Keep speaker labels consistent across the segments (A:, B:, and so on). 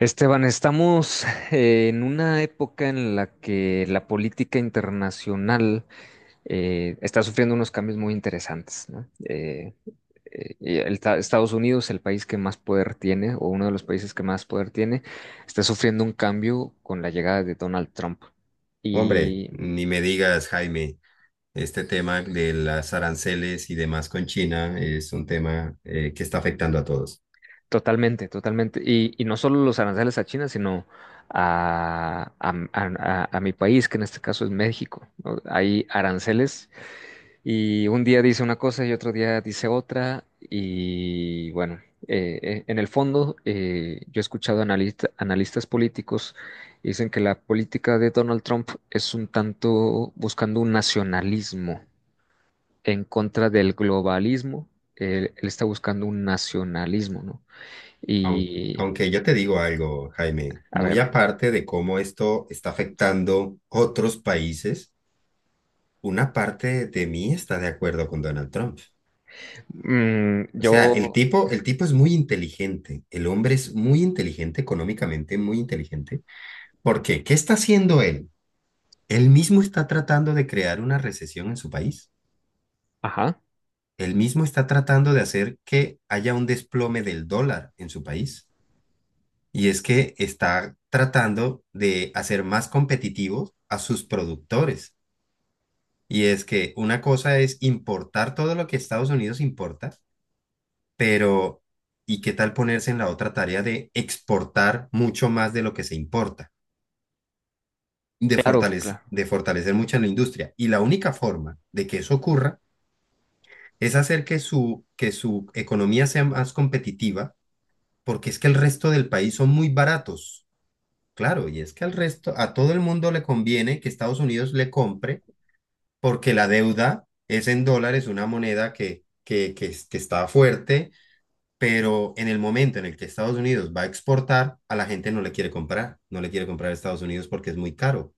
A: Esteban, estamos en una época en la que la política internacional está sufriendo unos cambios muy interesantes, ¿no? Y Estados Unidos, el país que más poder tiene, o uno de los países que más poder tiene, está sufriendo un cambio con la llegada de Donald Trump.
B: Hombre,
A: Y
B: ni me digas, Jaime, este tema de las aranceles y demás con China es un tema que está afectando a todos.
A: totalmente, totalmente. Y no solo los aranceles a China, sino a mi país, que en este caso es México, ¿no? Hay aranceles. Y un día dice una cosa y otro día dice otra. Y bueno, en el fondo yo he escuchado analistas políticos que dicen que la política de Donald Trump es un tanto buscando un nacionalismo en contra del globalismo. Él está buscando un nacionalismo, ¿no?
B: Aun-
A: Y
B: Aunque, yo te digo algo, Jaime,
A: a ver,
B: muy aparte de cómo esto está afectando otros países, una parte de mí está de acuerdo con Donald Trump. O sea, el
A: yo...
B: tipo, el tipo es muy inteligente, el hombre es muy inteligente económicamente, muy inteligente. ¿Por qué? ¿Qué está haciendo él? Él mismo está tratando de crear una recesión en su país.
A: Ajá,
B: Él mismo está tratando de hacer que haya un desplome del dólar en su país. Y es que está tratando de hacer más competitivos a sus productores. Y es que una cosa es importar todo lo que Estados Unidos importa, pero ¿y qué tal ponerse en la otra tarea de exportar mucho más de lo que se importa?
A: claro, claro.
B: De fortalecer mucho la industria. Y la única forma de que eso ocurra es hacer que su economía sea más competitiva porque es que el resto del país son muy baratos. Claro, y es que al resto, a todo el mundo le conviene que Estados Unidos le compre, porque la deuda es en dólares, una moneda que está fuerte, pero en el momento en el que Estados Unidos va a exportar, a la gente no le quiere comprar, no le quiere comprar a Estados Unidos porque es muy caro.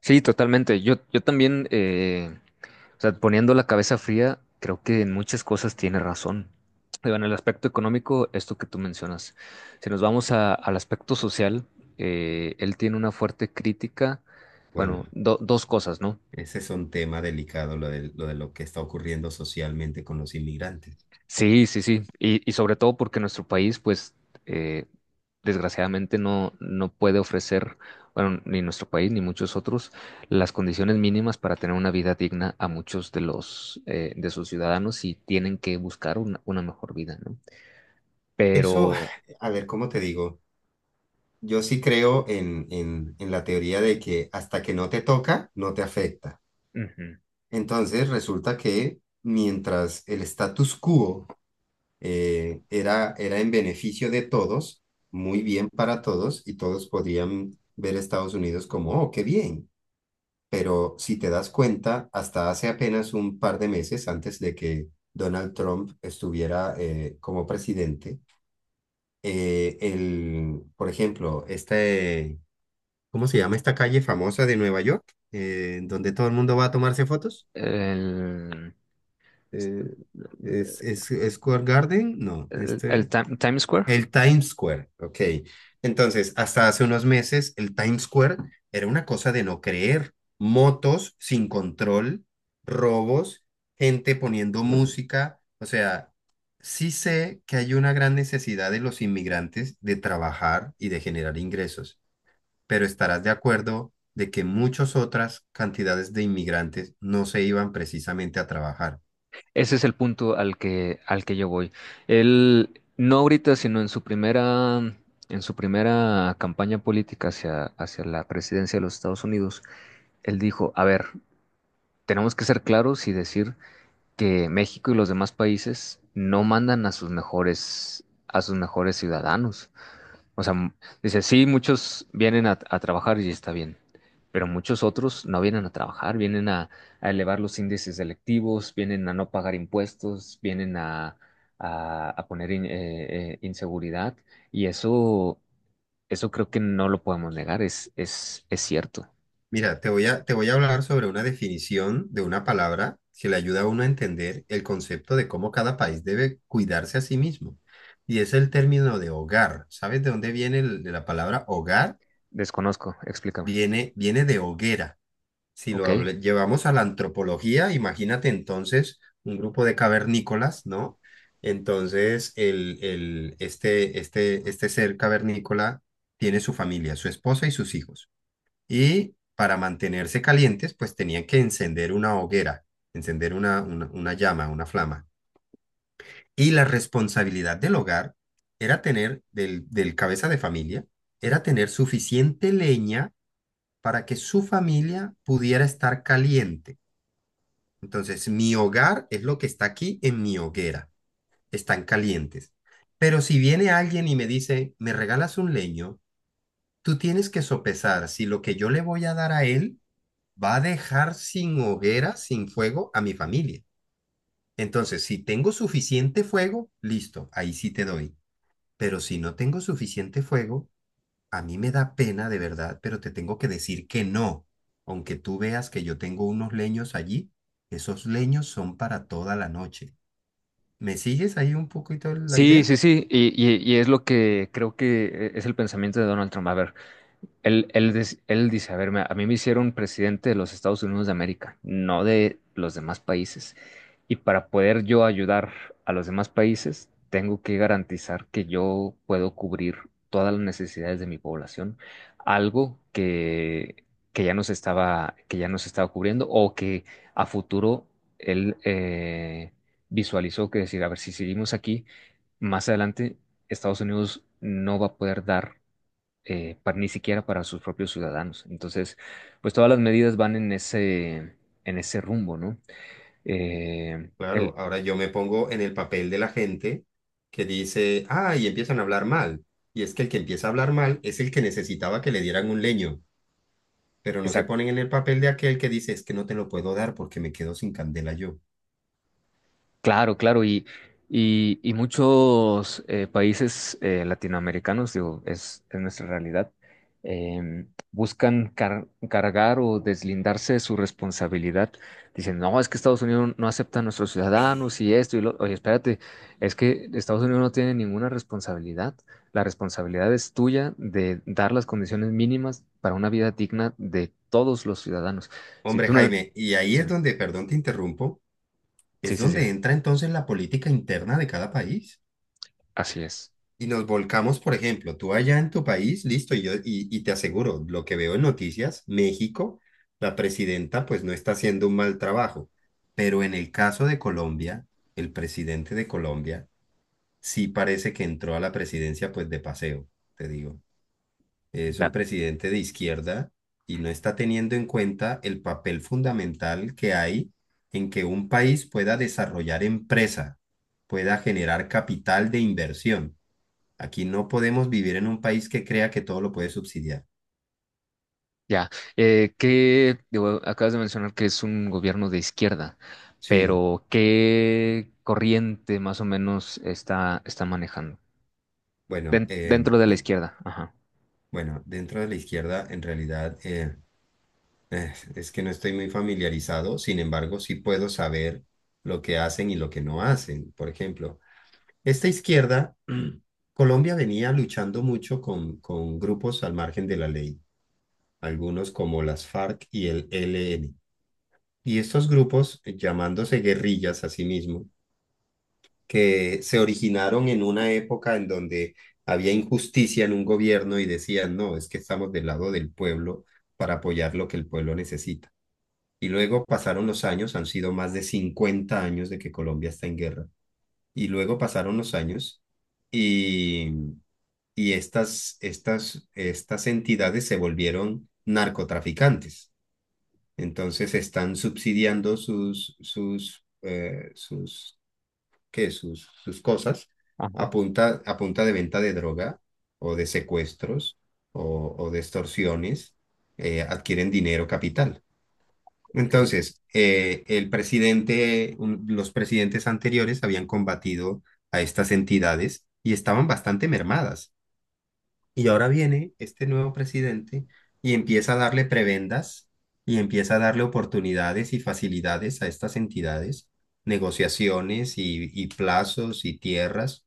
A: Sí, totalmente. Yo también... o sea, poniendo la cabeza fría, creo que en muchas cosas tiene razón. Digo, en el aspecto económico, esto que tú mencionas. Si nos vamos al aspecto social, él tiene una fuerte crítica,
B: Bueno,
A: bueno, dos cosas, ¿no?
B: ese es un tema delicado, de lo que está ocurriendo socialmente con los inmigrantes.
A: Sí, sí, sí. Y sobre todo porque nuestro país, pues, eh, desgraciadamente no puede ofrecer, bueno, ni nuestro país ni muchos otros, las condiciones mínimas para tener una vida digna a muchos de los, de sus ciudadanos y tienen que buscar una mejor vida, ¿no?
B: Eso,
A: Pero
B: a ver, ¿cómo te digo? Yo sí creo en la teoría de que hasta que no te toca, no te afecta.
A: ujú,
B: Entonces resulta que mientras el status quo era en beneficio de todos, muy bien para todos, y todos podían ver a Estados Unidos como, oh, qué bien. Pero si te das cuenta, hasta hace apenas un par de meses antes de que Donald Trump estuviera como presidente, por ejemplo, ¿cómo se llama esta calle famosa de Nueva York? Donde todo el mundo va a tomarse fotos.
A: el,
B: Eh, ¿Es, es Square Garden? No,
A: el- el
B: este.
A: Tim- Times Square,
B: El Times Square, ok. Entonces, hasta hace unos meses, el Times Square era una cosa de no creer. Motos sin control, robos, gente poniendo música. O sea, sí sé que hay una gran necesidad de los inmigrantes de trabajar y de generar ingresos, pero estarás de acuerdo de que muchas otras cantidades de inmigrantes no se iban precisamente a trabajar.
A: ese es el punto al que yo voy. Él, no ahorita, sino en su primera campaña política hacia la presidencia de los Estados Unidos, él dijo, a ver, tenemos que ser claros y decir que México y los demás países no mandan a sus mejores ciudadanos. O sea, dice, sí, muchos vienen a trabajar y está bien, pero muchos otros no vienen a trabajar, vienen a elevar los índices electivos, vienen a no pagar impuestos, vienen a, a poner inseguridad y eso creo que no lo podemos negar, es cierto.
B: Mira, te voy a hablar sobre una definición de una palabra que le ayuda a uno a entender el concepto de cómo cada país debe cuidarse a sí mismo. Y es el término de hogar. ¿Sabes de dónde viene de la palabra hogar?
A: Desconozco, explícame.
B: Viene, viene de hoguera. Si
A: Ok.
B: llevamos a la antropología, imagínate entonces un grupo de cavernícolas, ¿no? Entonces, este ser cavernícola tiene su familia, su esposa y sus hijos. Y para mantenerse calientes, pues tenían que encender una hoguera, encender una llama, una flama. Y la responsabilidad del hogar era tener, del cabeza de familia, era tener suficiente leña para que su familia pudiera estar caliente, entonces mi hogar es lo que está aquí en mi hoguera. Están calientes. Pero si viene alguien y me dice, me regalas un leño, tú tienes que sopesar si lo que yo le voy a dar a él va a dejar sin hoguera, sin fuego a mi familia. Entonces, si tengo suficiente fuego, listo, ahí sí te doy. Pero si no tengo suficiente fuego, a mí me da pena de verdad, pero te tengo que decir que no. Aunque tú veas que yo tengo unos leños allí, esos leños son para toda la noche. ¿Me sigues ahí un poquito la
A: Sí,
B: idea?
A: sí, sí, y es lo que creo que es el pensamiento de Donald Trump. A ver, él dice, a ver, a mí me hicieron presidente de los Estados Unidos de América, no de los demás países. Y para poder yo ayudar a los demás países, tengo que garantizar que yo puedo cubrir todas las necesidades de mi población, algo que ya no se estaba, que ya no se estaba cubriendo o que a futuro él visualizó que decir, a ver, si seguimos aquí, más adelante Estados Unidos no va a poder dar ni siquiera para sus propios ciudadanos. Entonces, pues todas las medidas van en ese rumbo, ¿no? Eh,
B: Claro,
A: el,
B: ahora yo me pongo en el papel de la gente que dice, ah, y empiezan a hablar mal. Y es que el que empieza a hablar mal es el que necesitaba que le dieran un leño, pero no se ponen en el papel de aquel que dice, es que no te lo puedo dar porque me quedo sin candela yo.
A: claro, claro, y muchos países latinoamericanos, digo, es nuestra realidad, eh, buscan cargar o deslindarse de su responsabilidad. Dicen, no, es que Estados Unidos no acepta a nuestros
B: Eh,
A: ciudadanos y esto y lo. Oye, espérate, es que Estados Unidos no tiene ninguna responsabilidad. La responsabilidad es tuya de dar las condiciones mínimas para una vida digna de todos los ciudadanos. Si
B: Hombre,
A: tú no.
B: Jaime, y ahí
A: Sí,
B: es donde, perdón, te interrumpo,
A: sí,
B: es
A: sí, sí,
B: donde entra entonces la política interna de cada país.
A: así es.
B: Y nos volcamos, por ejemplo, tú allá en tu país, listo, y yo, y te aseguro, lo que veo en noticias, México, la presidenta pues no está haciendo un mal trabajo, pero en el caso de Colombia, el presidente de Colombia sí parece que entró a la presidencia pues de paseo, te digo. Es un
A: Da-
B: presidente de izquierda y no está teniendo en cuenta el papel fundamental que hay en que un país pueda desarrollar empresa, pueda generar capital de inversión. Aquí no podemos vivir en un país que crea que todo lo puede subsidiar.
A: Ya, ¿qué, digo, acabas de mencionar que es un gobierno de izquierda,
B: Sí,
A: pero qué corriente más o menos está, está manejando?
B: bueno,
A: Dentro de la izquierda, ajá.
B: bueno, dentro de la izquierda en realidad es que no estoy muy familiarizado, sin embargo, sí puedo saber lo que hacen y lo que no hacen. Por ejemplo, esta izquierda, Colombia venía luchando mucho con grupos al margen de la ley, algunos como las FARC y el ELN. Y estos grupos, llamándose guerrillas a sí mismos, que se originaron en una época en donde había injusticia en un gobierno y decían, no, es que estamos del lado del pueblo para apoyar lo que el pueblo necesita. Y luego pasaron los años, han sido más de 50 años de que Colombia está en guerra. Y luego pasaron los años y, y estas entidades se volvieron narcotraficantes. Entonces están subsidiando sus cosas
A: Ajá,
B: a punta de venta de droga o de secuestros o de extorsiones, adquieren dinero capital.
A: ok.
B: Entonces, los presidentes anteriores habían combatido a estas entidades y estaban bastante mermadas. Y ahora viene este nuevo presidente y empieza a darle prebendas y empieza a darle oportunidades y facilidades a estas entidades, negociaciones y plazos y tierras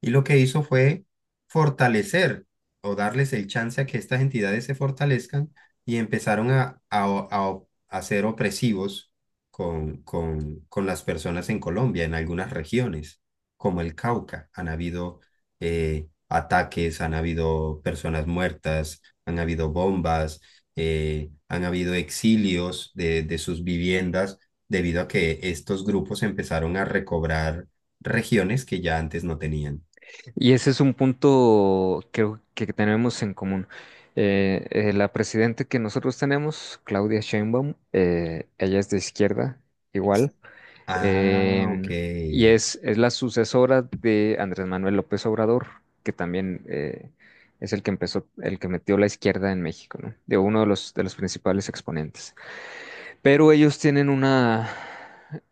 B: y lo que hizo fue fortalecer o darles el chance a que estas entidades se fortalezcan y empezaron a- a ser opresivos con las personas en Colombia, en algunas regiones, como el Cauca. Han habido ataques, han habido personas muertas, han habido bombas, han habido exilios de sus viviendas debido a que estos grupos empezaron a recobrar regiones que ya antes no tenían.
A: Y ese es un punto creo que tenemos en común. La presidenta que nosotros tenemos, Claudia Sheinbaum, ella es de izquierda, igual.
B: Ah, ok.
A: Em, y es la sucesora de Andrés Manuel López Obrador, que también es el que empezó, el que metió la izquierda en México, ¿no? De uno de los principales exponentes. Pero ellos tienen una,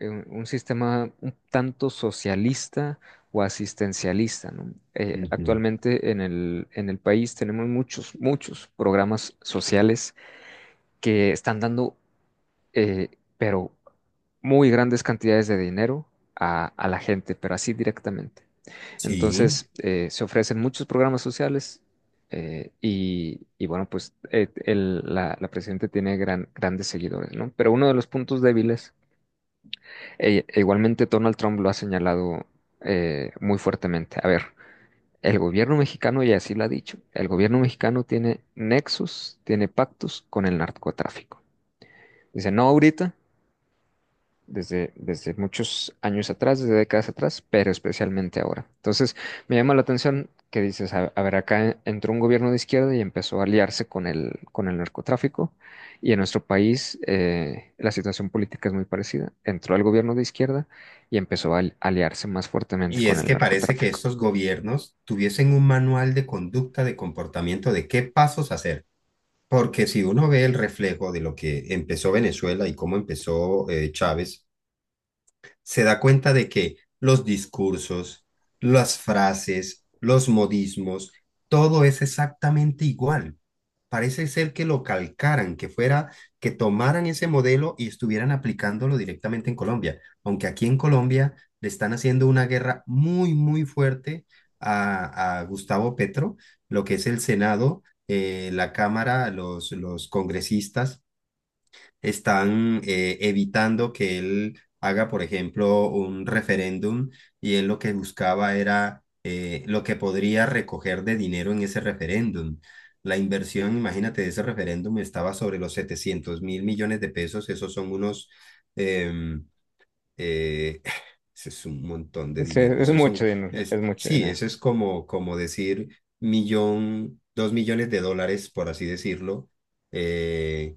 A: un sistema un tanto socialista o asistencialista, ¿no?
B: Ujú.
A: Actualmente en el país tenemos muchos, muchos programas sociales que están dando eh, pero muy grandes cantidades de dinero a la gente, pero así directamente.
B: Sí.
A: Entonces, se ofrecen muchos programas sociales y bueno, pues la presidenta tiene grandes seguidores, ¿no? Pero uno de los puntos débiles, e igualmente Donald Trump lo ha señalado muy fuertemente. A ver, el gobierno mexicano, y así lo ha dicho, el gobierno mexicano tiene nexos, tiene pactos con el narcotráfico. Dice, no ahorita, desde muchos años atrás, desde décadas atrás, pero especialmente ahora. Entonces, me llama la atención que dices, a ver, acá entró un gobierno de izquierda y empezó a aliarse con con el narcotráfico, y en nuestro país la situación política es muy parecida. Entró el gobierno de izquierda y empezó aliarse más fuertemente
B: Y
A: con
B: es
A: el
B: que parece que
A: narcotráfico.
B: estos gobiernos tuviesen un manual de conducta, de comportamiento, de qué pasos hacer. Porque si uno ve el reflejo de lo que empezó Venezuela y cómo empezó Chávez, se da cuenta de que los discursos, las frases, los modismos, todo es exactamente igual. Parece ser que lo calcaran, que fuera, que tomaran ese modelo y estuvieran aplicándolo directamente en Colombia. Aunque aquí en Colombia le están haciendo una guerra muy, muy fuerte a Gustavo Petro, lo que es el Senado, la Cámara, los congresistas están evitando que él haga, por ejemplo, un referéndum y él lo que buscaba era lo que podría recoger de dinero en ese referéndum. La inversión, imagínate, de ese referéndum estaba sobre los 700.000 millones de pesos, esos son unos... em, eh, ese es un montón de
A: Sí,
B: dinero.
A: es
B: Esos
A: mucho
B: son,
A: dinero, es
B: es,
A: mucho
B: sí,
A: dinero.
B: eso es como, como decir millón, 2 millones de dólares, por así decirlo, eh,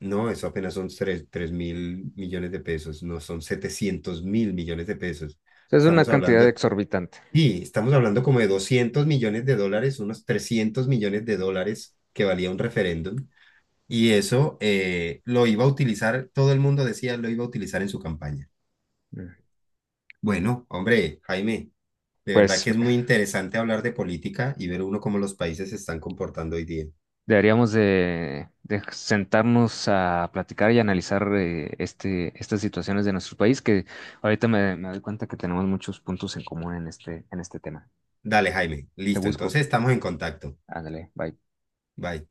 B: no, eso apenas son 3.000 millones de pesos, no son 700.000 millones de pesos.
A: Es una
B: Estamos
A: cantidad
B: hablando,
A: exorbitante.
B: y estamos hablando como de 200 millones de dólares, unos 300 millones de dólares que valía un referéndum. Y eso lo iba a utilizar, todo el mundo decía lo iba a utilizar en su campaña.
A: Mm.
B: Bueno, hombre, Jaime, de verdad
A: Pues
B: que es muy interesante hablar de política y ver uno cómo los países se están comportando hoy día.
A: deberíamos de sentarnos a platicar y analizar estas situaciones de nuestro país, que ahorita me doy cuenta que tenemos muchos puntos en común en este tema.
B: Dale, Jaime,
A: Te
B: listo,
A: busco.
B: entonces estamos en contacto.
A: Ándale, bye.
B: Bye.